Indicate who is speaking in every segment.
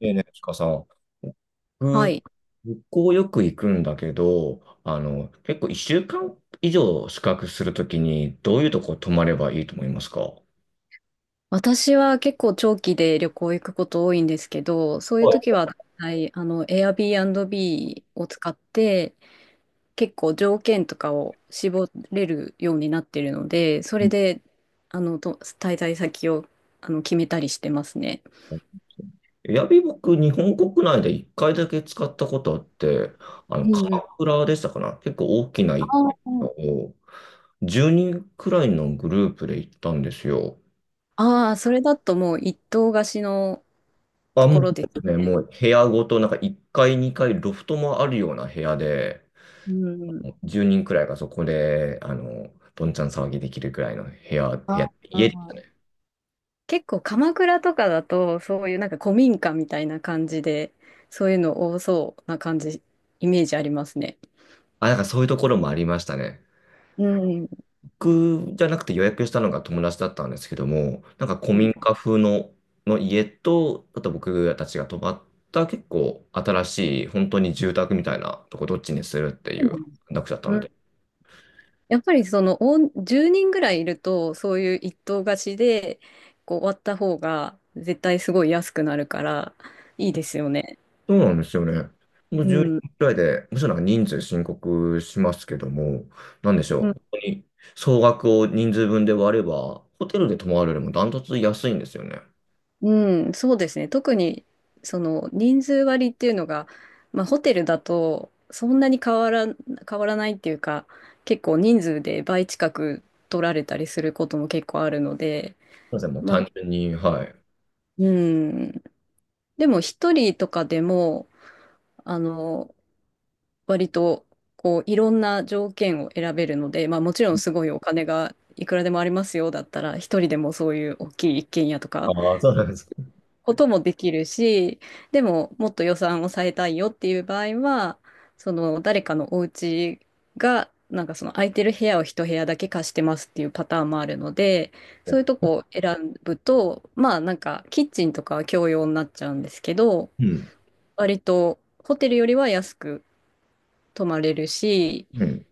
Speaker 1: ねえねえ、ちかさん、
Speaker 2: はい。
Speaker 1: 旅行よく行くんだけど、結構1週間以上宿泊するときに、どういうとこ泊まればいいと思いますか？は
Speaker 2: 私は結構長期で旅行行くこと多いんですけど、そういう時
Speaker 1: い。
Speaker 2: は、はい、Airbnb を使って、結構条件とかを絞れるようになってるので、そ
Speaker 1: う
Speaker 2: れ
Speaker 1: ん。
Speaker 2: で、あの、と、滞在先を、決めたりしてますね。
Speaker 1: エアビー僕、日本国内で1回だけ使ったことあって、
Speaker 2: うんうん。
Speaker 1: 鎌倉でしたかな、結構大きな一
Speaker 2: あ
Speaker 1: 軒家
Speaker 2: ー
Speaker 1: を、10人くらいのグループで行ったんですよ。
Speaker 2: あ、ー、それだともう一棟貸しの
Speaker 1: あ、
Speaker 2: と
Speaker 1: も
Speaker 2: ころです
Speaker 1: う、ね、
Speaker 2: ね。
Speaker 1: もう部屋ごと、なんか1階、2階、ロフトもあるような部屋で、
Speaker 2: うんうん。
Speaker 1: もう10人くらいがそこで、どんちゃん騒ぎできるくらいの部屋、部
Speaker 2: あ
Speaker 1: 屋、家でしたね。
Speaker 2: あ。結構鎌倉とかだとそういうなんか古民家みたいな感じでそういうの多そうな感じイメージありますね。
Speaker 1: あ、なんかそういうところもありましたね。
Speaker 2: うん。
Speaker 1: 僕じゃなくて予約したのが友達だったんですけども、なんか古
Speaker 2: うん、
Speaker 1: 民家風の家と、あと僕たちが泊まった結構新しい、本当に住宅みたいなとこ、どっちにするっていう話だったので、
Speaker 2: やっぱりそのお10人ぐらいいるとそういう一棟貸しでこう割った方が絶対すごい安くなるからいいですよね。
Speaker 1: そうなんですよね。もう
Speaker 2: う
Speaker 1: 10
Speaker 2: ん。
Speaker 1: 人くらいで、むしろなんか人数申告しますけども、なんでしょう、本当に総額を人数分で割れば、ホテルで泊まるよりもダントツ安いんですよね。
Speaker 2: うん、そうですね。特に、その、人数割っていうのが、まあ、ホテルだと、そんなに変わら、変わらないっていうか、結構人数で倍近く取られたりすることも結構あるので、
Speaker 1: そうですね、もう
Speaker 2: まあ、
Speaker 1: 単純に、はい。
Speaker 2: うん。でも、一人とかでも、あの、割と、こう、いろんな条件を選べるので、まあ、もちろんすごいお金がいくらでもありますよだったら、一人でもそういう大きい一軒家とか、
Speaker 1: ああ、そうなんですか。
Speaker 2: こともできるし、でももっと予算を抑えたいよっていう場合は、その誰かのお家が、なんかその空いてる部屋を一部屋だけ貸してますっていうパターンもあるので、そういうとこを選ぶと、まあなんかキッチンとかは共用になっちゃうんですけど、
Speaker 1: うん。
Speaker 2: 割とホテルよりは安く泊まれるし、
Speaker 1: うん。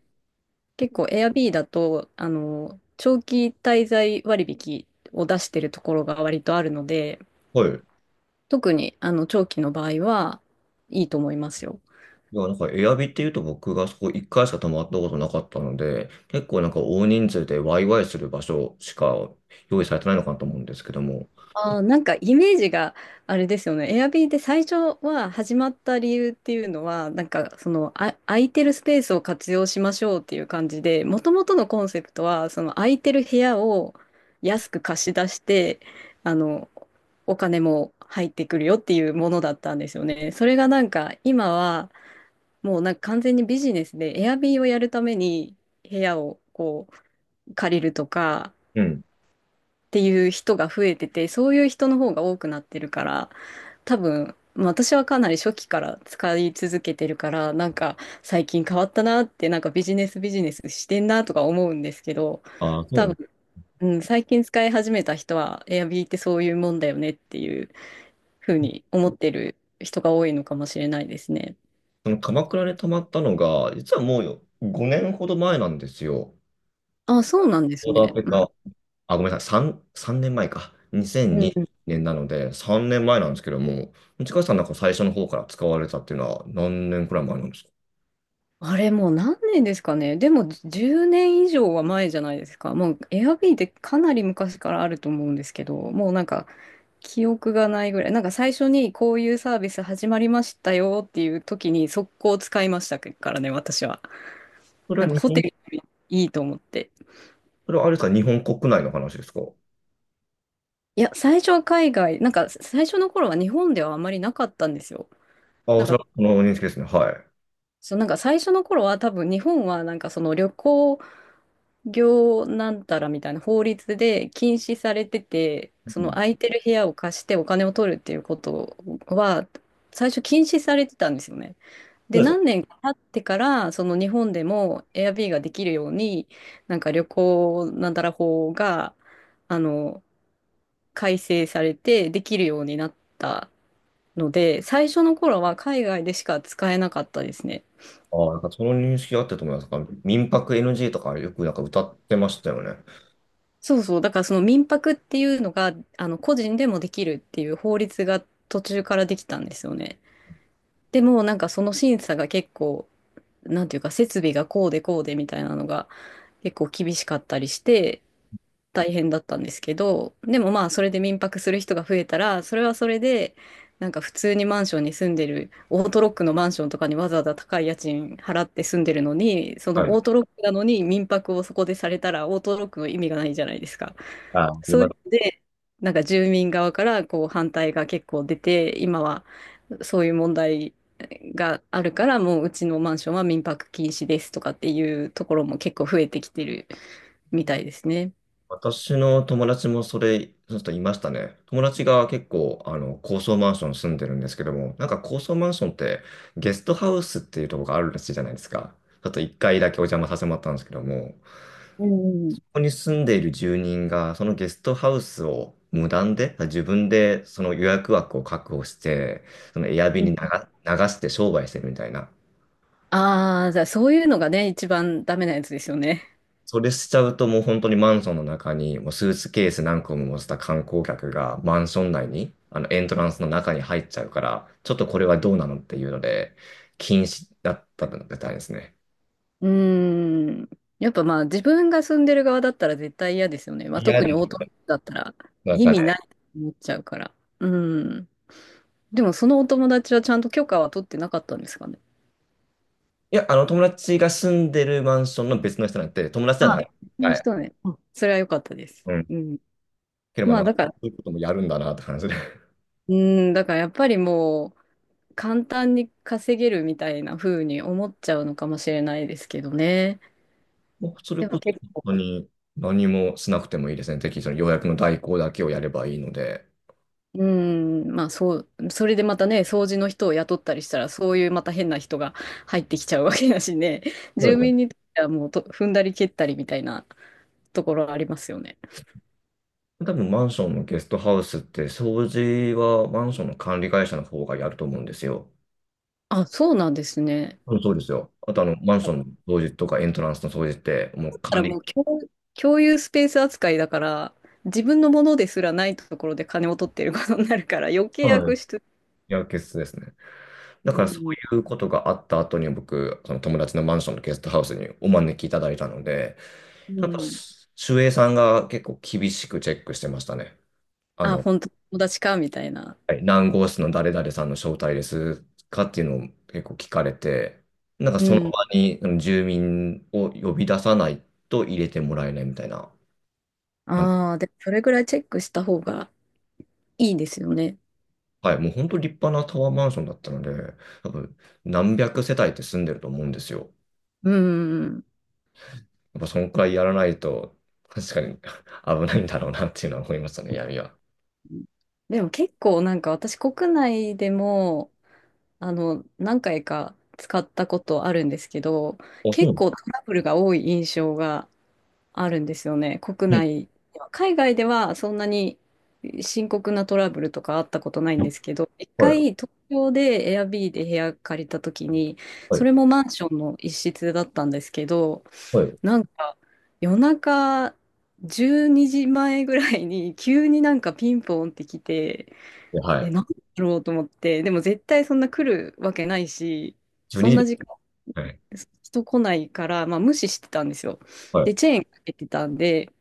Speaker 2: 結構 Airbnb だと、長期滞在割引を出してるところが割とあるので、
Speaker 1: はい。
Speaker 2: 特にあの長期の場合はいいと思いますよ。
Speaker 1: いや、なんか、エアビっていうと僕がそこ1回しか泊まったことなかったので、結構なんか大人数でワイワイする場所しか用意されてないのかなと思うんですけども。
Speaker 2: あー、なんかイメージがあれですよね。Airbnb で最初は始まった理由っていうのは、なんかその空いてるスペースを活用しましょうっていう感じで、もともとのコンセプトはその空いてる部屋を安く貸し出して、あのお金も入ってくるよっていうものだったんですよね。それがなんか今はもうなんか完全にビジネスで Airbnb をやるために部屋をこう借りるとか、
Speaker 1: うん。
Speaker 2: っていう人が増えてて、そういう人の方が多くなってるから、多分、まあ私はかなり初期から使い続けてるから、なんか最近変わったなって、なんかビジネスビジネスしてんなとか思うんですけど、
Speaker 1: ああ、そ
Speaker 2: 多
Speaker 1: う。
Speaker 2: 分、うん、最近使い始めた人は、エアビーってそういうもんだよねっていうふうに思ってる人が多いのかもしれないですね。
Speaker 1: その鎌倉に泊まったのが、実はもう5年ほど前なんですよ。
Speaker 2: あ、そうなんで
Speaker 1: ち
Speaker 2: す
Speaker 1: ょ
Speaker 2: ね。
Speaker 1: けた、あ、ごめんなさい、3年前か。2002
Speaker 2: うん、
Speaker 1: 年なので、3年前なんですけども、内川さんなんか最初の方から使われたっていうのは何年くらい前なんですか？
Speaker 2: あれもう何年ですかね。でも10年以上は前じゃないですか。もう Airb ってかなり昔からあると思うんですけど、もうなんか記憶がないぐらい。なんか最初にこういうサービス始まりましたよっていう時に速攻使いましたからね、私は。
Speaker 1: そ
Speaker 2: な
Speaker 1: れ
Speaker 2: ん
Speaker 1: は
Speaker 2: か
Speaker 1: 日
Speaker 2: ホテ
Speaker 1: 本、
Speaker 2: ルよりいいと思って。
Speaker 1: それはあれですか、日本国内の話ですか？
Speaker 2: いや、最初は海外、なんか最初の頃は日本ではあまりなかったんですよ。
Speaker 1: あ、
Speaker 2: な
Speaker 1: お
Speaker 2: ん
Speaker 1: そ
Speaker 2: か、
Speaker 1: らくその認識ですね。はい。
Speaker 2: そう、なんか最初の頃は多分日本はなんかその旅行、業なんたらみたいな法律で禁止されてて、そ
Speaker 1: う
Speaker 2: の
Speaker 1: ん、
Speaker 2: 空いてる部屋を貸してお金を取るっていうことは、最初禁止されてたんですよね。で、
Speaker 1: そうですね。
Speaker 2: 何年か経ってから、その日本でも Airbnb ができるように、なんか旅行なんたら法が、あの、改正されてできるようになったので、最初の頃は海外でしか使えなかったですね。
Speaker 1: あ、なんかその認識あったと思います。なんか民泊 NG とかよくなんか歌ってましたよね。
Speaker 2: そうそう。だからその民泊っていうのが、個人でもできるっていう法律が途中からできたんですよね。でも、なんかその審査が結構、なんていうか、設備がこうでこうでみたいなのが結構厳しかったりして、大変だったんですけど、でもまあそれで民泊する人が増えたら、それはそれで、なんか普通にマンションに住んでる、オートロックのマンションとかにわざわざ高い家賃払って住んでるのに、そ
Speaker 1: は
Speaker 2: の
Speaker 1: い。
Speaker 2: オートロックなのに民泊をそこでされたら、オートロックの意味がないじゃないですか。
Speaker 1: あ、始
Speaker 2: そう
Speaker 1: まっ
Speaker 2: いうので、なんか住民側からこう反対が結構出て、今はそういう問題があるから、もううちのマンションは民泊禁止ですとかっていうところも結構増えてきてるみたいですね。
Speaker 1: 私の友達もそれ、その人いましたね。友達が結構、高層マンション住んでるんですけども、なんか高層マンションってゲストハウスっていうところがあるらしいじゃないですか。ちょっと一回だけお邪魔させてもらったんですけども、こ
Speaker 2: うん
Speaker 1: こに住んでいる住人が、そのゲストハウスを無断で、自分でその予約枠を確保して、そのエアビ
Speaker 2: う
Speaker 1: に
Speaker 2: ん。
Speaker 1: 流して商売してるみたいな。
Speaker 2: ああ、じゃあそういうのがね、一番ダメなやつですよね。
Speaker 1: それしちゃうともう本当にマンションの中にもうスーツケース何個も持った観光客がマンション内に、あのエントランスの中に入っちゃうから、ちょっとこれはどうなのっていうので禁止だったみたいですね。
Speaker 2: うーん。やっぱまあ自分が住んでる側だったら絶対嫌ですよね。まあ
Speaker 1: 嫌
Speaker 2: 特に
Speaker 1: で
Speaker 2: オート
Speaker 1: す。
Speaker 2: ロックだったら
Speaker 1: なん
Speaker 2: 意
Speaker 1: か
Speaker 2: 味な
Speaker 1: ね、
Speaker 2: いと思っちゃうから。うん。でもそのお友達はちゃんと許可は取ってなかったんですかね。
Speaker 1: いや、あの友達が住んでるマンションの別の人、なんて友達じゃな
Speaker 2: あ、
Speaker 1: い。
Speaker 2: そういう
Speaker 1: はい。
Speaker 2: 人ね。あ、それは良かったです。
Speaker 1: うん。
Speaker 2: うん。
Speaker 1: ければ
Speaker 2: ま
Speaker 1: な
Speaker 2: あ
Speaker 1: んか
Speaker 2: だか
Speaker 1: そ
Speaker 2: ら、
Speaker 1: ういうこともやるんだなって感じで。
Speaker 2: うん、だからやっぱりもう簡単に稼げるみたいな風に思っちゃうのかもしれないですけどね。
Speaker 1: もうそれ
Speaker 2: で
Speaker 1: こ
Speaker 2: も
Speaker 1: そ
Speaker 2: 結
Speaker 1: 本
Speaker 2: 構
Speaker 1: 当に何もしなくてもいいですね。適宜その予約の代行だけをやればいいので。
Speaker 2: うん、まあそう、それでまたね、掃除の人を雇ったりしたら、そういうまた変な人が入ってきちゃうわけだしね、住民にとってはもうと踏んだり蹴ったりみたいなところありますよね。
Speaker 1: 多分マンションのゲストハウスって掃除はマンションの管理会社の方がやると思うんですよ。
Speaker 2: あ、そうなんですね。
Speaker 1: うん、そうですよ。あとマンションの掃除とかエントランスの掃除っても
Speaker 2: だ
Speaker 1: う
Speaker 2: か
Speaker 1: 管
Speaker 2: らも
Speaker 1: 理、
Speaker 2: う共有スペース扱いだから、自分のものですらないところで金を取ってることになるから、余計
Speaker 1: はい、
Speaker 2: 悪質。
Speaker 1: やるケや、決ですね。だ
Speaker 2: う
Speaker 1: からそ
Speaker 2: ん、
Speaker 1: ういうことがあった後に僕、その友達のマンションのゲストハウスにお招きいただいたので、
Speaker 2: う
Speaker 1: やっぱ
Speaker 2: ん。
Speaker 1: 守衛さんが結構厳しくチェックしてましたね。あ
Speaker 2: あ、
Speaker 1: の、
Speaker 2: 本当友達か、みたいな。
Speaker 1: はい、何号室の誰々さんの招待ですかっていうのを結構聞かれて、なんか
Speaker 2: う
Speaker 1: その場
Speaker 2: ん。
Speaker 1: にうん、住民を呼び出さないと入れてもらえないみたいな。あ、
Speaker 2: ああ、で、それぐらいチェックした方がいいですよね。
Speaker 1: はい、もう本当立派なタワーマンションだったので、多分何百世帯って住んでると思うんですよ。
Speaker 2: うん。
Speaker 1: やっぱそのくらいやらないと、確かに 危ないんだろうなっていうのは思いましたね、闇は。
Speaker 2: でも結構なんか私国内でも何回か使ったことあるんですけど
Speaker 1: あ、そうな
Speaker 2: 結
Speaker 1: の。
Speaker 2: 構トラブルが多い印象があるんですよね。国
Speaker 1: うん。
Speaker 2: 内では。海外ではそんなに深刻なトラブルとかあったことないんですけど、一
Speaker 1: は
Speaker 2: 回
Speaker 1: い、
Speaker 2: 東京で Airb で部屋借りた時に、
Speaker 1: は
Speaker 2: そ
Speaker 1: い、
Speaker 2: れもマンションの一室だったんですけど、
Speaker 1: はい。
Speaker 2: なんか夜中12時前ぐらいに急になんかピンポンって来て、
Speaker 1: は
Speaker 2: で
Speaker 1: い。
Speaker 2: なんだろうと思って、でも絶対そんな来るわけないし、
Speaker 1: 12
Speaker 2: そん
Speaker 1: 時。じゅうにじ
Speaker 2: な
Speaker 1: で
Speaker 2: 時間
Speaker 1: す。はい、
Speaker 2: 人来ないから、まあ無視してたんですよ。
Speaker 1: は
Speaker 2: で、チェーンかけてたんで、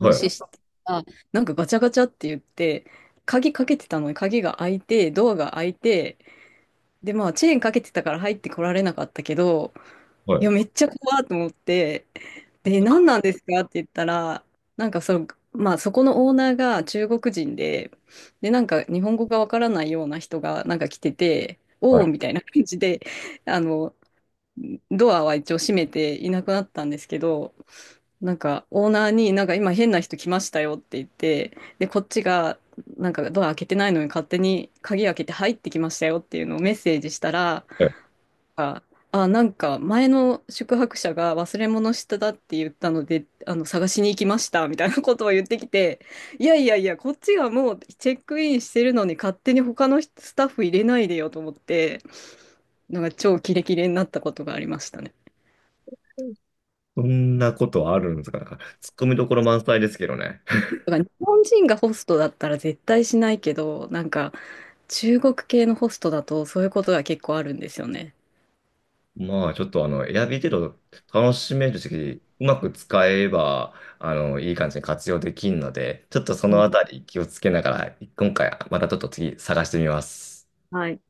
Speaker 1: い、は
Speaker 2: 視し
Speaker 1: い、
Speaker 2: て、あ、なんかガチャガチャって言って、鍵かけてたのに鍵が開いて、ドアが開いて、で、まあ、チェーンかけてたから入ってこられなかったけど、
Speaker 1: は
Speaker 2: いや、
Speaker 1: い。
Speaker 2: めっちゃ怖いと思って、で、何なんですかって言ったら、なんかその、まあ、そこのオーナーが中国人で、で、なんか日本語がわからないような人がなんか来てて、お
Speaker 1: は
Speaker 2: お
Speaker 1: い。
Speaker 2: みたいな感じで、あの、ドアは一応閉めていなくなったんですけど、なんかオーナーになんか今変な人来ましたよって言って、で、こっちがなんかドア開けてないのに勝手に鍵開けて入ってきましたよっていうのをメッセージしたら、あ、あ、なんか前の宿泊者が忘れ物してたって言ったので、探しに行きましたみたいなことを言ってきて、いやいやいや、こっちがもうチェックインしてるのに勝手に他のスタッフ入れないでよと思って、なんか超キレキレになったことがありましたね。
Speaker 1: そんなことあるんですか。なんか、ツッコミどころ満載ですけどね。
Speaker 2: だから日本人がホストだったら絶対しないけど、なんか中国系のホストだとそういうことが結構あるんですよね。
Speaker 1: まあ、ちょっと選び程度楽しめるし、うまく使えば、いい感じに活用できるので、ちょっとそ
Speaker 2: う
Speaker 1: の
Speaker 2: ん、
Speaker 1: あたり気をつけながら、今回、またちょっと次探してみます。
Speaker 2: はい。